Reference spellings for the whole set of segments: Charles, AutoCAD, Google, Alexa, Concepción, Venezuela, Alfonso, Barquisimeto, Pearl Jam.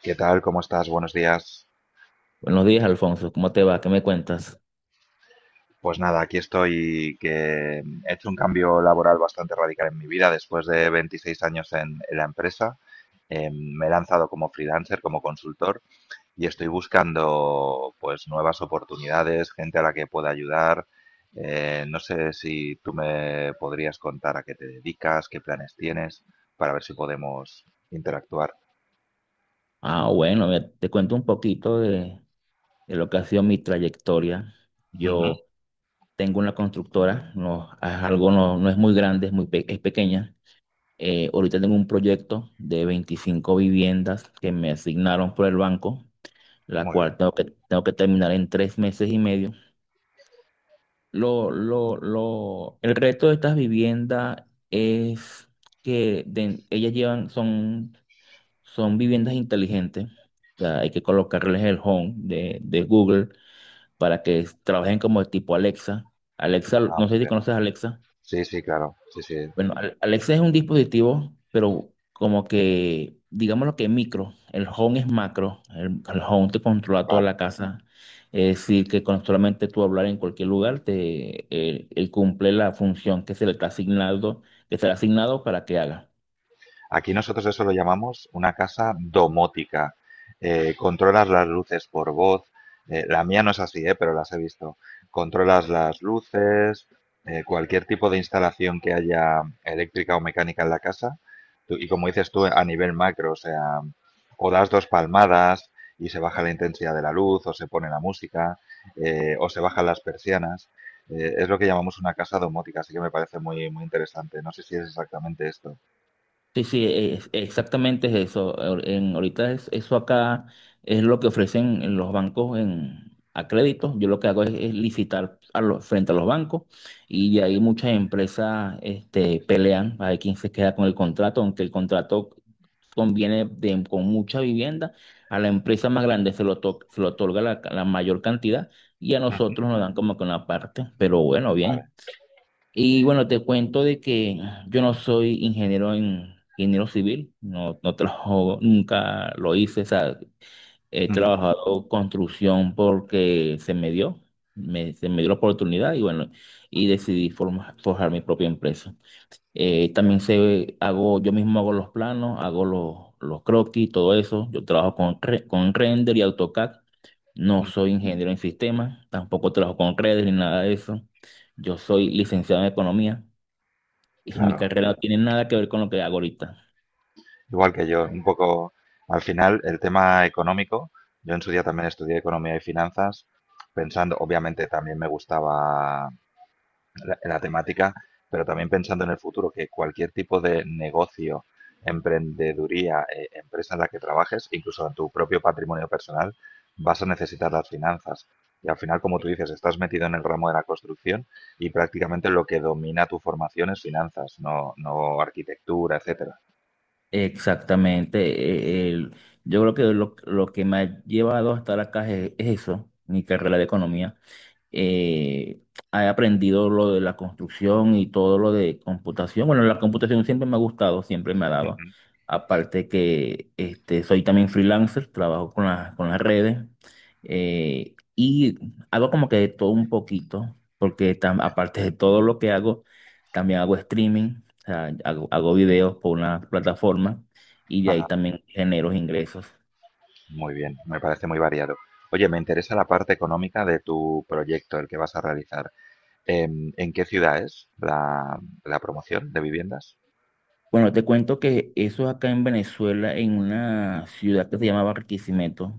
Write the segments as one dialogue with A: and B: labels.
A: ¿Qué tal? ¿Cómo estás? Buenos días.
B: Buenos días, Alfonso. ¿Cómo te va? ¿Qué me cuentas?
A: Pues nada, aquí estoy que he hecho un cambio laboral bastante radical en mi vida después de 26 años en la empresa. Me he lanzado como freelancer, como consultor y estoy buscando pues nuevas oportunidades, gente a la que pueda ayudar. No sé si tú me podrías contar a qué te dedicas, qué planes tienes, para ver si podemos interactuar.
B: Ah, bueno, mira, te cuento un poquito de lo que ha sido mi trayectoria.
A: Ujú.
B: Yo tengo una constructora, no, es algo no, no es muy grande, es pequeña. Ahorita tengo un proyecto de 25 viviendas que me asignaron por el banco, la
A: Muy
B: cual
A: bien.
B: tengo que terminar en 3 meses y medio. El reto de estas viviendas es que ellas llevan, son viviendas inteligentes. O sea, hay que colocarles el Home de Google para que trabajen como de tipo Alexa. Alexa,
A: Ah,
B: no sé
A: muy
B: si
A: bien.
B: conoces Alexa.
A: Sí, sí, claro. Sí, sí.
B: Bueno, Alexa es un dispositivo, pero como que, digamos, lo que es micro. El Home es macro. El Home te controla toda la
A: Vale.
B: casa. Es decir, que con solamente tú hablar en cualquier lugar, él cumple la función que se le está asignado, que se le ha asignado para que haga.
A: Aquí nosotros eso lo llamamos una casa domótica. Controlas las luces por voz. La mía no es así, pero las he visto. Controlas las luces, cualquier tipo de instalación que haya eléctrica o mecánica en la casa. Y como dices tú, a nivel macro, o sea, o das dos palmadas y se baja la intensidad de la luz, o se pone la música, o se bajan las persianas. Es lo que llamamos una casa domótica, así que me parece muy, muy interesante. No sé si es exactamente esto.
B: Sí, sí, exactamente es eso. Eso acá es lo que ofrecen en los bancos a crédito. Yo lo que hago es licitar frente a los bancos, y de ahí muchas empresas, pelean a ver quién se queda con el contrato, aunque el contrato conviene con mucha vivienda. A la empresa más grande se lo otorga la mayor cantidad, y a
A: Ujú.
B: nosotros nos dan como que una parte. Pero bueno,
A: Vale.
B: bien. Y bueno, te cuento de que yo no soy ingeniero, en ingeniero civil, no, no trabajo, nunca lo hice. O sea, he
A: Ujú,
B: trabajado construcción porque se me dio, se me dio la oportunidad y bueno, y decidí forjar mi propia empresa. También yo mismo hago los planos, hago los croquis, todo eso. Yo trabajo con render y AutoCAD. No
A: ujú.
B: soy ingeniero en sistemas, tampoco trabajo con redes ni nada de eso. Yo soy licenciado en economía. Y Mi
A: Claro,
B: carrera no tiene nada que ver con lo que hago ahorita.
A: igual que yo, un poco al final el tema económico, yo en su día también estudié economía y finanzas, pensando, obviamente también me gustaba la temática, pero también pensando en el futuro que cualquier tipo de negocio, emprendeduría, empresa en la que trabajes, incluso en tu propio patrimonio personal, vas a necesitar las finanzas. Y al final, como tú dices, estás metido en el ramo de la construcción y prácticamente lo que domina tu formación es finanzas, no, no arquitectura, etcétera.
B: Exactamente. Yo creo que lo que me ha llevado a estar acá es eso, mi carrera de economía. Eh, He aprendido lo de la construcción y todo lo de computación. Bueno, la computación siempre me ha gustado, siempre me ha dado.
A: Ujú.
B: Aparte que, soy también freelancer, trabajo con las redes, y hago como que de todo un poquito, porque aparte de todo lo que hago, también hago streaming. O sea, hago videos por una plataforma y de ahí
A: Ajá,
B: también genero ingresos.
A: muy bien, me parece muy variado. Oye, me interesa la parte económica de tu proyecto, el que vas a realizar. ¿En qué ciudad es la promoción de viviendas?
B: Bueno, te cuento que eso acá en Venezuela, en una ciudad que se llama Barquisimeto,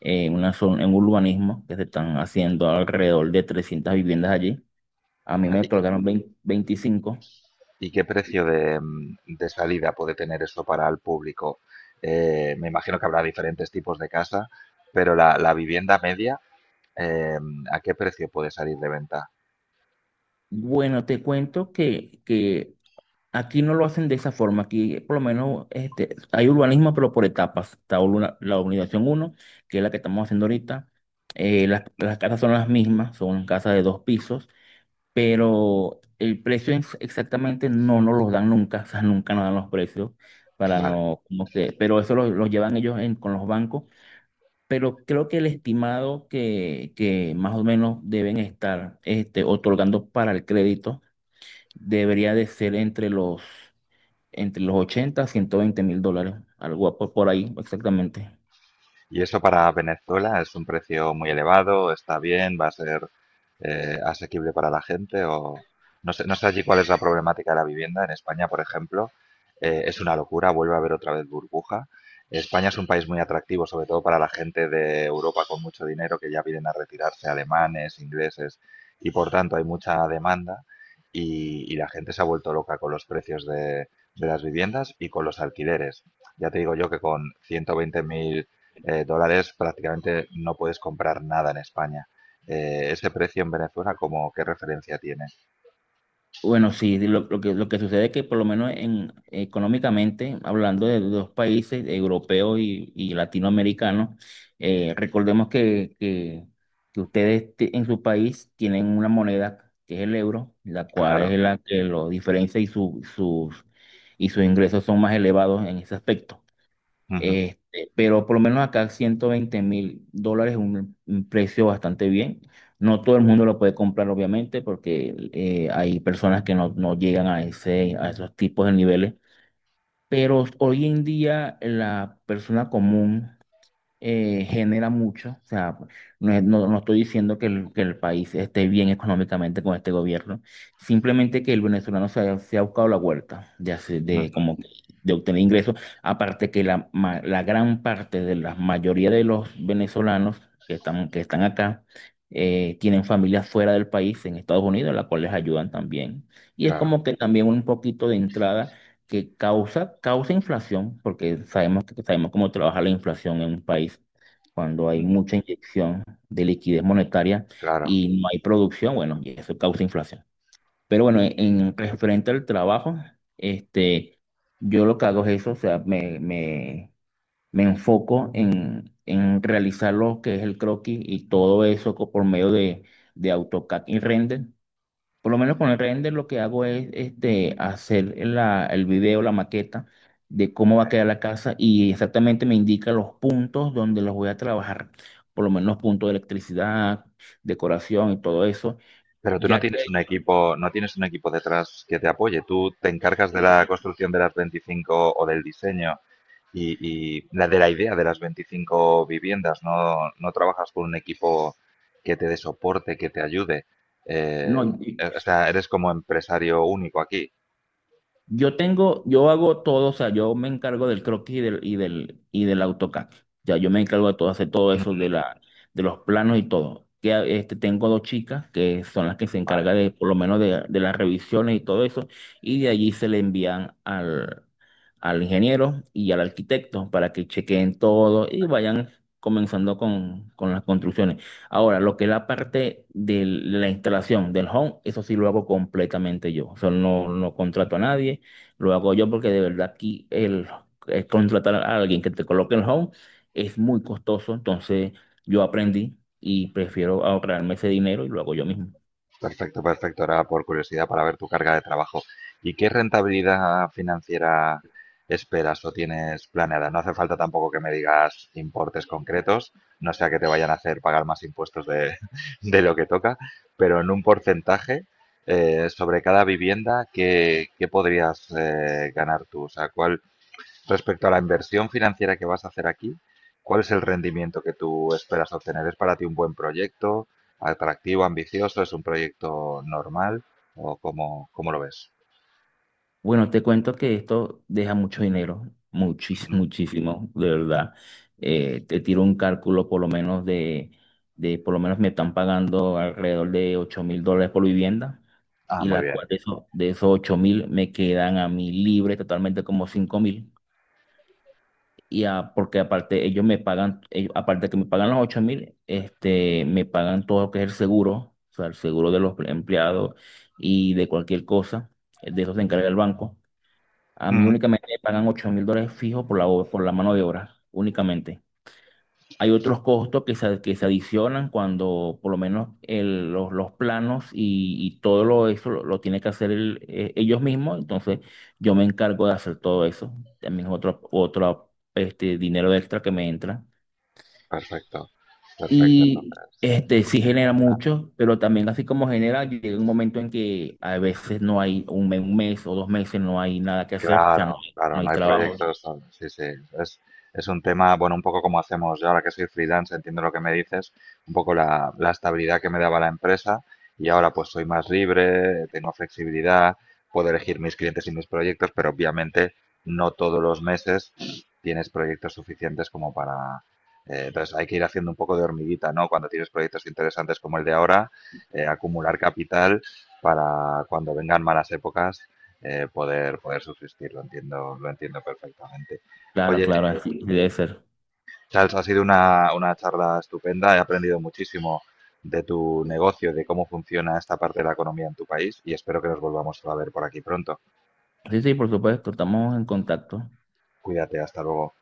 B: en una zona, en un urbanismo que se están haciendo alrededor de 300 viviendas allí. A mí
A: Vale.
B: me
A: ¿Y qué,
B: otorgaron veinte
A: y-
B: 25.
A: y qué precio de, de salida puede tener eso para el público? Me imagino que habrá diferentes tipos de casa, pero la vivienda media, ¿a qué precio puede salir de venta?
B: Bueno, te cuento que aquí no lo hacen de esa forma. Aquí, por lo menos, hay urbanismo, pero por etapas. La urbanización uno, que es la que estamos haciendo ahorita. Las casas son las mismas, son casas de dos pisos, pero el precio exactamente no nos los dan nunca. O sea, nunca nos dan los precios para
A: Vale.
B: no, como que, pero eso lo llevan ellos con los bancos. Pero creo que el estimado que más o menos deben estar, otorgando para el crédito, debería de ser entre los 80 a 120.000 dólares, algo por ahí exactamente.
A: Y eso para Venezuela es un precio muy elevado, está bien, va a ser asequible para la gente o no sé, no sé allí cuál es la problemática de la vivienda. En España, por ejemplo, es una locura, vuelve a haber otra vez burbuja. España es un país muy atractivo, sobre todo para la gente de Europa con mucho dinero que ya vienen a retirarse, alemanes, ingleses, y por tanto hay mucha demanda y la gente se ha vuelto loca con los precios de las viviendas y con los alquileres. Ya te digo yo que con 120,000 dólares prácticamente no puedes comprar nada en España. Ese precio en Venezuela, ¿cómo qué referencia tiene?
B: Bueno, sí, lo que sucede es que por lo menos económicamente, hablando de dos países, europeos y latinoamericanos, recordemos que ustedes en su país tienen una moneda que es el euro, la cual
A: Claro,
B: es la que lo diferencia, y sus ingresos son más elevados en ese aspecto.
A: ujú,
B: Pero por lo menos acá 120 mil dólares es un precio bastante bien. No todo el mundo lo puede comprar, obviamente, porque hay personas que no llegan a ese, a esos tipos de niveles. Pero hoy en día la persona común genera mucho. O sea, no estoy diciendo que el país esté bien económicamente con este gobierno, simplemente que el venezolano se ha, buscado la vuelta de, hacer- de,
A: ujú,
B: como que- de obtener ingresos. Aparte que la gran parte de la mayoría de los venezolanos que están acá tienen familias fuera del país, en Estados Unidos, las cuales ayudan también. Y es
A: claro,
B: como que también un poquito de entrada que causa inflación, porque sabemos cómo trabaja la inflación en un país cuando hay
A: ujú,
B: mucha inyección de liquidez monetaria
A: claro.
B: y no hay producción, bueno, y eso causa inflación. Pero bueno,
A: Y,
B: en referente al trabajo, este, yo lo que hago es eso. O sea, me enfoco en realizar lo que es el croquis y todo eso por medio de AutoCAD y Render. Por lo menos con el render, lo que hago es, hacer el video, la maqueta de cómo va a
A: vale.
B: quedar la casa, y exactamente me indica los puntos donde los voy a trabajar. Por lo menos puntos de electricidad, decoración y todo eso.
A: Pero tú no
B: Ya
A: tienes
B: que,
A: un equipo, no tienes un equipo detrás que te apoye. Tú te encargas de la construcción de las 25 o del diseño y, y la de la idea de las 25 viviendas. No, no trabajas con un equipo que te dé soporte, que te ayude.
B: no,
A: O sea, eres como empresario único aquí.
B: Yo tengo, yo hago todo. O sea, yo me encargo del croquis y del AutoCAD. Ya, yo me encargo de todo, hacer todo eso
A: Ujú.
B: de los planos y todo. Tengo dos chicas que son las que se
A: Vale.
B: encargan de, por lo menos, de las revisiones y todo eso. Y de allí se le envían al ingeniero y al arquitecto para que chequeen todo y vayan comenzando con las construcciones. Ahora, lo que es la parte de la instalación del home, eso sí lo hago completamente yo. O sea, no contrato a nadie. Lo hago yo porque de verdad aquí el contratar a alguien que te coloque el home es muy costoso. Entonces yo aprendí y prefiero ahorrarme ese dinero y lo hago yo mismo.
A: Perfecto, perfecto. Ahora, por curiosidad, para ver tu carga de trabajo. ¿Y qué rentabilidad financiera esperas o tienes planeada? No hace falta tampoco que me digas importes concretos, no sea que te vayan a hacer pagar más impuestos de, de lo que toca, pero en un porcentaje sobre cada vivienda, ¿qué, qué podrías ganar tú? O sea, ¿cuál respecto a la inversión financiera que vas a hacer aquí, ¿cuál es el rendimiento que tú esperas obtener? ¿Es para ti un buen proyecto, atractivo, ambicioso? ¿Es un proyecto normal? ¿O cómo, cómo lo ves?
B: Bueno, te cuento que esto deja mucho dinero, muchísimo,
A: Ujú.
B: muchísimo, de verdad. Te tiro un cálculo por lo menos por lo menos me están pagando alrededor de 8.000 dólares por vivienda,
A: Ah,
B: y
A: muy
B: la
A: bien.
B: cual de esos 8.000 me quedan a mí libre totalmente como 5.000. Porque aparte ellos me pagan, aparte de que me pagan los 8.000, me pagan todo lo que es el seguro, o sea, el seguro de los empleados y de cualquier cosa, de eso se encarga el banco. A mí
A: Ujú.
B: únicamente me pagan 8.000 dólares fijos por la mano de obra, únicamente. Hay otros costos que se adicionan cuando por lo menos los planos y todo lo, eso lo tiene que hacer ellos mismos. Entonces yo me encargo de hacer todo eso. También es otro dinero extra que me entra.
A: Perfecto, perfecto.
B: Y
A: Entonces,
B: este
A: muy,
B: sí
A: muy
B: genera
A: buen plan.
B: mucho, pero también así como genera, llega un momento en que a veces no hay un mes o 2 meses, no hay nada que hacer. O sea, no,
A: Claro,
B: hay-
A: claro,
B: no hay
A: no hay
B: trabajo.
A: proyectos. Sí, sí, es, es un tema, bueno, un poco como hacemos yo ahora que soy freelance, entiendo lo que me dices, un poco la estabilidad que me daba la empresa y ahora pues soy más libre, tengo flexibilidad, puedo elegir mis clientes y mis proyectos, pero obviamente no todos los meses tienes proyectos suficientes como para... entonces hay que ir haciendo un poco de hormiguita, ¿no? Cuando tienes proyectos interesantes como el de ahora, acumular capital para cuando vengan malas épocas poder, poder subsistir, lo entiendo perfectamente.
B: Claro,
A: Oye,
B: claro,
A: eh,
B: así debe ser.
A: Charles, ha sido una charla estupenda, he aprendido muchísimo de tu negocio, de cómo funciona esta parte de la economía en tu país y espero que nos volvamos a ver por aquí pronto.
B: Sí, sí, por supuesto, estamos en contacto.
A: Cuídate, hasta luego.